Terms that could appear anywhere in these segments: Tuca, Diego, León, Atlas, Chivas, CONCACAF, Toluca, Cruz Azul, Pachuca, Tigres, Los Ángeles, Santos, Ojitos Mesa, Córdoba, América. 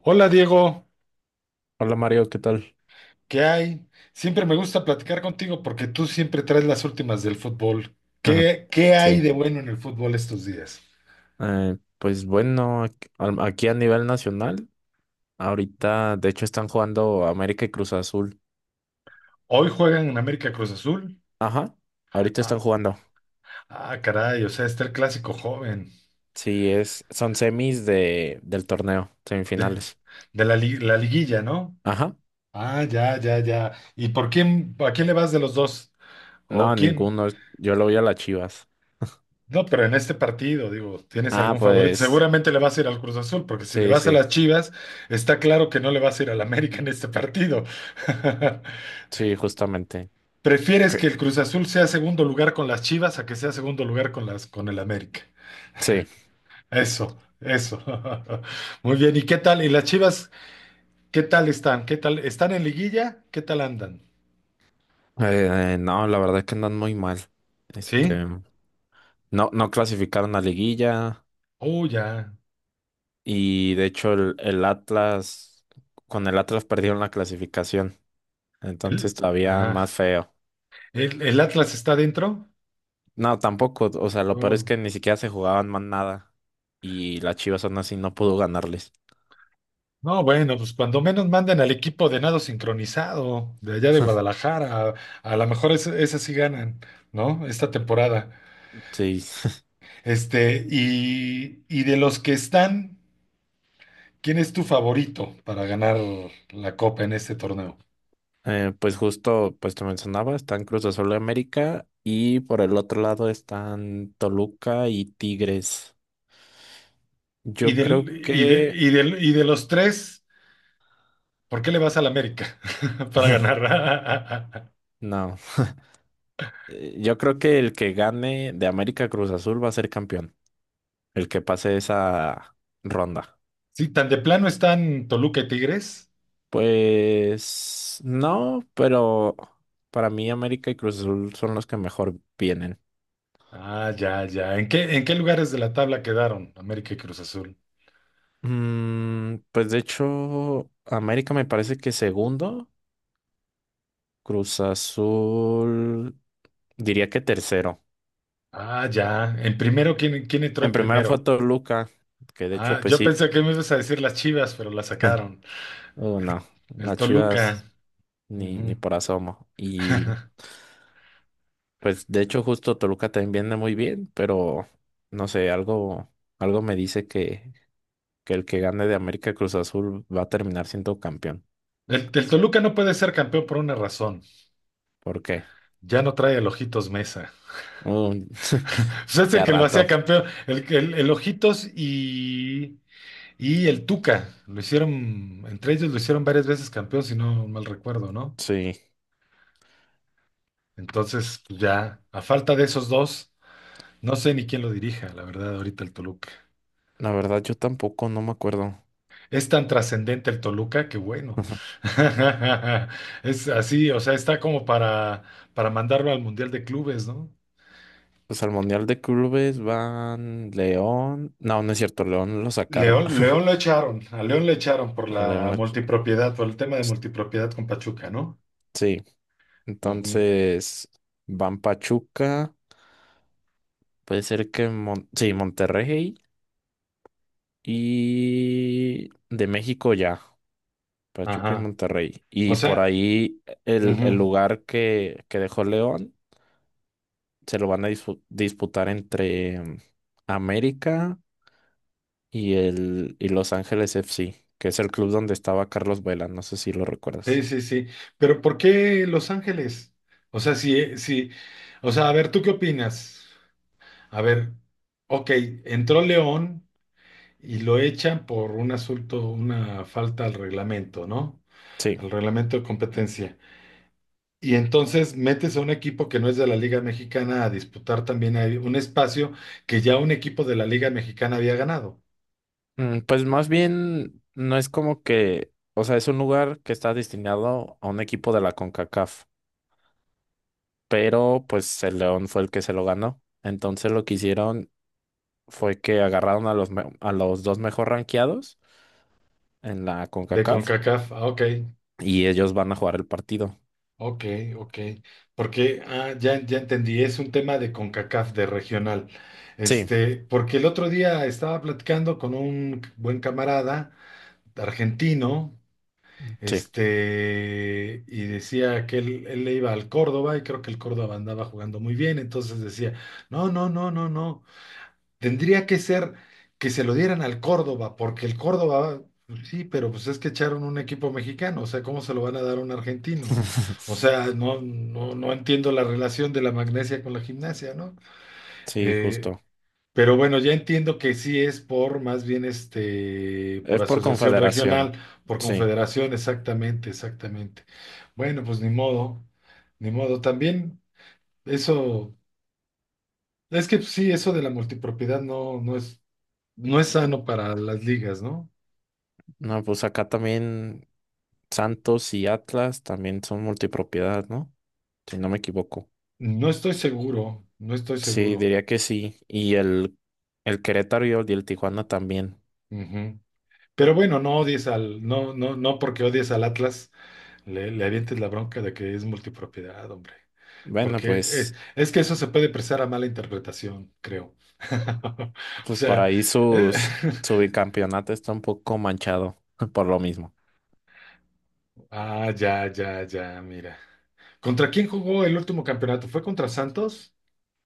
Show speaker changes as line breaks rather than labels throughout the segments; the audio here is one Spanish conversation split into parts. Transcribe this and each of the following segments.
Hola Diego,
Hola Mario, ¿qué tal?
¿qué hay? Siempre me gusta platicar contigo porque tú siempre traes las últimas del fútbol.
Ajá.
¿Qué hay
Sí,
de bueno en el fútbol estos días?
pues bueno, aquí a nivel nacional, ahorita de hecho están jugando América y Cruz Azul.
Hoy juegan en América Cruz Azul.
Ajá, ahorita están
Ah,
jugando.
ah, caray, o sea, está el clásico joven
Sí, son semis del torneo,
de,
semifinales.
de la liguilla, ¿no?
Ajá,
Ah, ya, ya, ya. ¿Y por quién, a quién le vas de los dos? ¿O
no,
quién?
ninguno, yo lo voy a las Chivas.
No, pero en este partido, digo, ¿tienes
Ah,
algún favorito?
pues,
Seguramente le vas a ir al Cruz Azul, porque si le
sí,
vas a
sí,
las Chivas, está claro que no le vas a ir al América en este partido.
sí, justamente.
¿Prefieres que
Que-
el Cruz Azul sea segundo lugar con las Chivas a que sea segundo lugar con las con el América?
Sí, eh,
Eso, eso. Muy bien, ¿y qué tal? ¿Y las Chivas qué tal están? ¿Qué tal? ¿Están en liguilla? ¿Qué tal andan?
no, la verdad es que andan muy mal. Este,
¿Sí?
no, no clasificaron a liguilla.
Oh, ya.
Y de hecho el Atlas, con el Atlas perdieron la clasificación. Entonces
El,
todavía más
ajá.
feo.
El Atlas está dentro?
No, tampoco. O sea, lo peor es
Oh.
que ni siquiera se jugaban más nada. Y las Chivas aún así no pudo ganarles.
No, bueno, pues cuando menos manden al equipo de nado sincronizado de allá de Guadalajara, a lo mejor esas sí ganan, ¿no? Esta temporada.
Sí.
Este, y de los que están, ¿quién es tu favorito para ganar la copa en este torneo?
Pues justo, pues te mencionaba, están Cruz Azul de América y por el otro lado están Toluca y Tigres.
Y
Yo creo
del, y de,
que,
y del, y de los tres, ¿por qué le vas al América para ganar?
no, Yo creo que el que gane de América Cruz Azul va a ser campeón, el que pase esa ronda.
Sí, tan de plano están Toluca y Tigres.
Pues no, pero para mí América y Cruz Azul son los que mejor vienen.
Ah, ya, ya. En qué lugares de la tabla quedaron América y Cruz Azul?
Pues de hecho, América me parece que segundo, Cruz Azul diría que tercero.
Ah, ya. En primero, ¿quién, quién entró
En
en
primero fue
primero?
Toluca, que de hecho
Ah,
pues
yo
sí.
pensé que me ibas a decir las Chivas, pero la sacaron.
Oh, no,
El
las
Toluca.
Chivas ni
Ujú.
por asomo. Pues de hecho justo Toluca también viene muy bien, pero no sé, algo me dice que el que gane de América Cruz Azul va a terminar siendo campeón.
El Toluca no puede ser campeón por una razón.
¿Por qué?
Ya no trae el Ojitos Mesa.
Un-
O sea, es el
ya
que lo hacía
rato.
campeón. El Ojitos y el Tuca. Lo hicieron, entre ellos lo hicieron varias veces campeón, si no mal recuerdo, ¿no?
Sí,
Entonces, pues ya, a falta de esos dos, no sé ni quién lo dirija, la verdad, ahorita el Toluca.
la verdad yo tampoco, no me acuerdo.
Es tan trascendente el Toluca que bueno. Es así, o sea, está como para mandarlo al Mundial de Clubes, ¿no?
Pues al Mundial de Clubes van León. No, no es cierto, León lo sacaron.
León, León lo echaron, a León lo echaron por
A León
la
lo
multipropiedad, por el tema de
ch-
multipropiedad con Pachuca, ¿no?
Sí,
Ujú,
entonces van Pachuca, puede ser que sí, Monterrey. Y de México ya, Pachuca y
ajá.
Monterrey.
O
Y por
sea,
ahí el
ujú,
lugar que dejó León se lo van a disputar entre América y Los Ángeles FC, que es el club donde estaba Carlos Vela, no sé si lo
sí,
recuerdas.
sí, sí. Pero ¿por qué Los Ángeles? O sea, sí, sí. O sea, a ver, ¿tú qué opinas? A ver, ok, entró León. Y lo echan por un asunto, una falta al reglamento, ¿no?
Sí.
Al reglamento de competencia. Y entonces metes a un equipo que no es de la Liga Mexicana a disputar también ahí un espacio que ya un equipo de la Liga Mexicana había ganado,
Pues más bien no es como que, o sea, es un lugar que está destinado a un equipo de la CONCACAF, pero pues el León fue el que se lo ganó. Entonces lo quisieron, fue que agarraron a a los dos mejor rankeados en la
de
CONCACAF
CONCACAF. Ah, ok,
y ellos van a jugar el partido.
ok, ok. Porque ah, ya, ya entendí, es un tema de CONCACAF, de regional.
Sí,
Este, porque el otro día estaba platicando con un buen camarada argentino.
sí.
Este, y decía que él le iba al Córdoba y creo que el Córdoba andaba jugando muy bien, entonces decía, no, tendría que ser que se lo dieran al Córdoba, porque el Córdoba, sí, pero pues es que echaron un equipo mexicano, o sea, ¿cómo se lo van a dar a un argentino? O sea, no, no entiendo la relación de la magnesia con la gimnasia, ¿no?
Sí,
Eh,
justo.
pero bueno, ya entiendo que sí es por más bien este, por
Es por
asociación
confederación.
regional, por
Sí.
confederación, exactamente, exactamente. Bueno, pues ni modo, ni modo. También eso, es que sí, eso de la multipropiedad no es, no es sano para las ligas, ¿no?
No, pues acá también Santos y Atlas también son multipropiedad, ¿no? Si no me equivoco.
No estoy seguro, no estoy
Sí,
seguro.
diría que sí. Y el Querétaro y el Tijuana también.
Ujú. Pero bueno, no odies al, no porque odies al Atlas, le avientes la bronca de que es multipropiedad, hombre.
Bueno,
Porque
pues,
es, que eso se puede prestar a mala interpretación, creo. O
pues por
sea,
ahí
eh,
su bicampeonato está un poco manchado por lo mismo.
ah, ya, ya, ya, mira. ¿Contra quién jugó el último campeonato? ¿Fue contra Santos?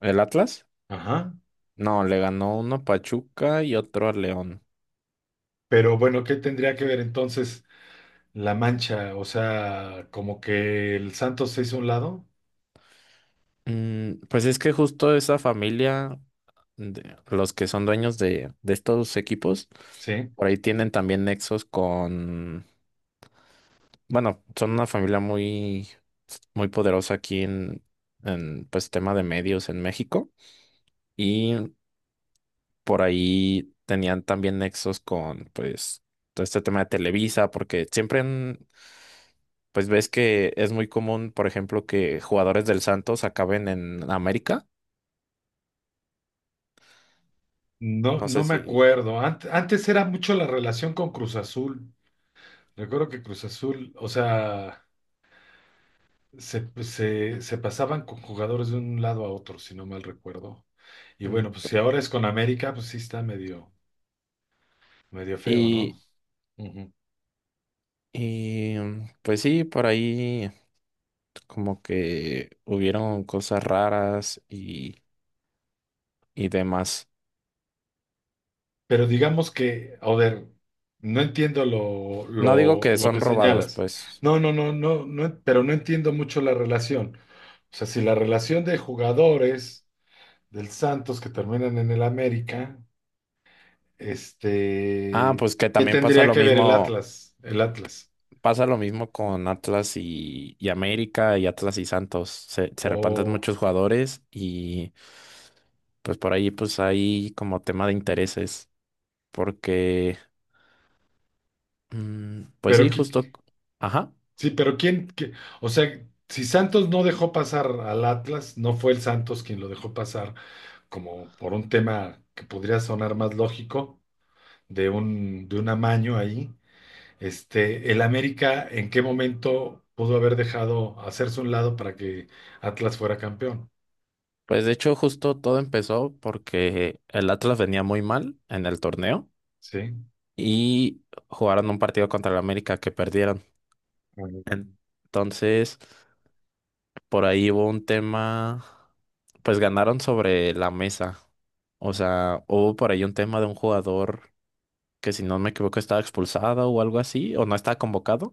¿El Atlas?
Ajá.
No, le ganó uno a Pachuca y otro a León.
Pero bueno, ¿qué tendría que ver entonces la mancha? O sea, como que el Santos se hizo a un lado,
Pues es que justo esa familia, de- los que son dueños de estos equipos,
¿sí?
por ahí tienen también nexos con, bueno, son una familia muy, muy poderosa aquí en pues tema de medios en México y por ahí tenían también nexos con, pues, todo este tema de Televisa, porque siempre han, pues ves que es muy común, por ejemplo, que jugadores del Santos acaben en América.
No,
No sé
no me
si...
acuerdo. Antes era mucho la relación con Cruz Azul. Recuerdo que Cruz Azul, o sea... Se pasaban con jugadores de un lado a otro, si no mal recuerdo. Y
mm,
bueno, pues
p-
si ahora es con América, pues sí está medio, medio feo, ¿no?
Y,
Ujú.
pues sí, por ahí como que hubieron cosas raras y demás.
Pero digamos que, a ver, no entiendo lo,
No digo
lo,
que
lo que
son robados,
señalas.
pues.
No, pero no entiendo mucho la relación. O sea, si la relación de jugadores del Santos que terminan en el América,
Ah, pues
este,
que
¿qué
también
tendría que ver el Atlas? El Atlas.
pasa lo mismo con Atlas y América y Atlas y Santos. Se repantan
O,
muchos jugadores y pues por ahí pues hay como tema de intereses porque pues
pero
sí,
¿qué?
justo, ajá.
Sí, pero ¿quién? Qué- o sea, si Santos no dejó pasar al Atlas, no fue el Santos quien lo dejó pasar como por un tema que podría sonar más lógico, de un amaño ahí. Este, el América, ¿en qué momento pudo haber dejado hacerse un lado para que Atlas fuera campeón?
Pues de hecho, justo todo empezó porque el Atlas venía muy mal en el torneo
Sí.
y jugaron un partido contra el América que perdieron.
Ajá.
En- Entonces, por ahí hubo un tema, pues ganaron sobre la mesa. O sea, hubo por ahí un tema de un jugador que si no me equivoco estaba expulsado o algo así, o no estaba convocado,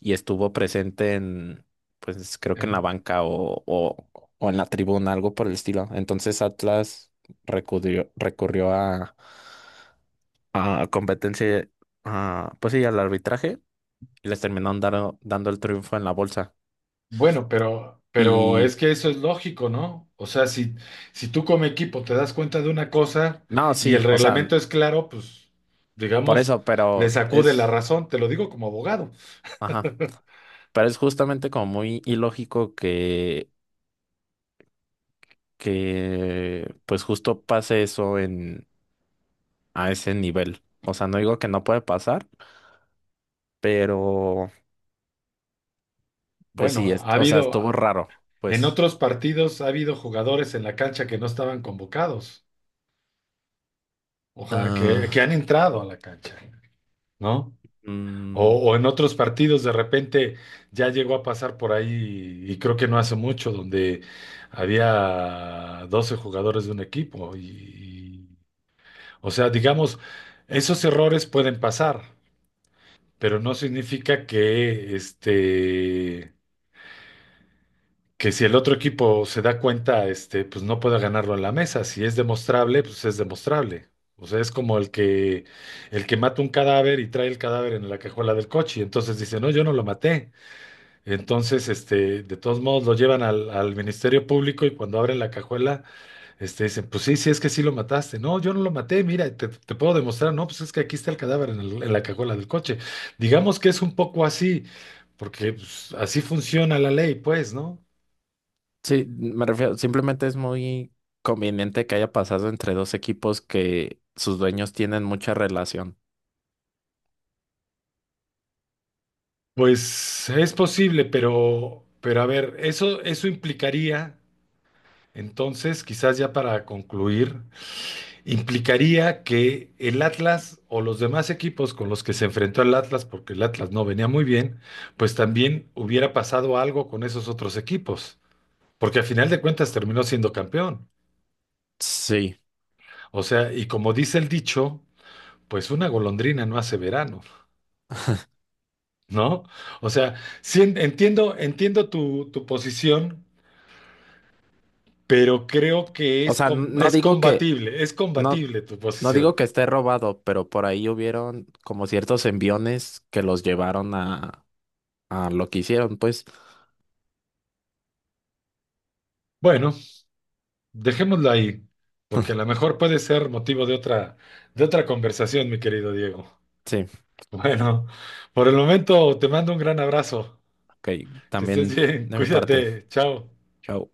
y estuvo presente pues creo que en la
El-
banca o en la tribuna, algo por el estilo. Entonces Atlas recurrió a competencia, a, pues sí, al arbitraje y les terminaron dando el triunfo en la bolsa.
Bueno, pero
Y
es que eso es lógico, ¿no? O sea, si, si tú como equipo te das cuenta de una cosa
no,
y el
sí, o sea,
reglamento es claro, pues,
por
digamos,
eso,
le
pero
sacude la
es,
razón, te lo digo como abogado.
ajá, pero es justamente como muy ilógico que pues justo pase eso a ese nivel. O sea, no digo que no puede pasar. Pero, pues
Bueno,
sí, es,
ha
o sea, estuvo
habido,
raro,
en
pues.
otros partidos ha habido jugadores en la cancha que no estaban convocados, o sea, que,
Ah,
que han entrado a la cancha, ¿no?
Mm,
O en otros partidos de repente ya llegó a pasar por ahí y creo que no hace mucho donde había 12 jugadores de un equipo o sea, digamos, esos errores pueden pasar, pero no significa que este que si el otro equipo se da cuenta, este, pues no pueda ganarlo en la mesa, si es demostrable, pues es demostrable. O sea, es como el que mata un cadáver y trae el cadáver en la cajuela del coche, y entonces dice, "No, yo no lo maté." Entonces, este, de todos modos lo llevan al, al Ministerio Público y cuando abren la cajuela, este, dicen, pues sí, sí, es que sí lo mataste. No, yo no lo maté, mira, te puedo demostrar. No, pues es que aquí está el cadáver en, el- en la cajuela del coche. Digamos que es un poco así, porque pues, así funciona la ley, pues, ¿no?
sí, me refiero, simplemente es muy conveniente que haya pasado entre dos equipos que sus dueños tienen mucha relación.
Pues es posible, pero a ver, eso implicaría, entonces, quizás ya para concluir. Implicaría que el Atlas o los demás equipos con los que se enfrentó el Atlas, porque el Atlas no venía muy bien, pues también hubiera pasado algo con esos otros equipos, porque al final de cuentas terminó siendo campeón.
Sí,
O sea, y como dice el dicho, pues una golondrina no hace verano, ¿no? O sea, sí entiendo tu, tu posición, pero creo que
o
es,
sea, no digo que,
es
no,
combatible tu
no digo
posición.
que esté robado, pero por ahí hubieron como ciertos enviones que los llevaron a lo que hicieron, pues.
Bueno, dejémoslo ahí, porque a lo mejor puede ser motivo de otra conversación, mi querido Diego.
Sí,
Bueno, por el momento te mando un gran abrazo.
ok,
Que estés
también
bien,
de mi parte.
cuídate, chao.
Chao.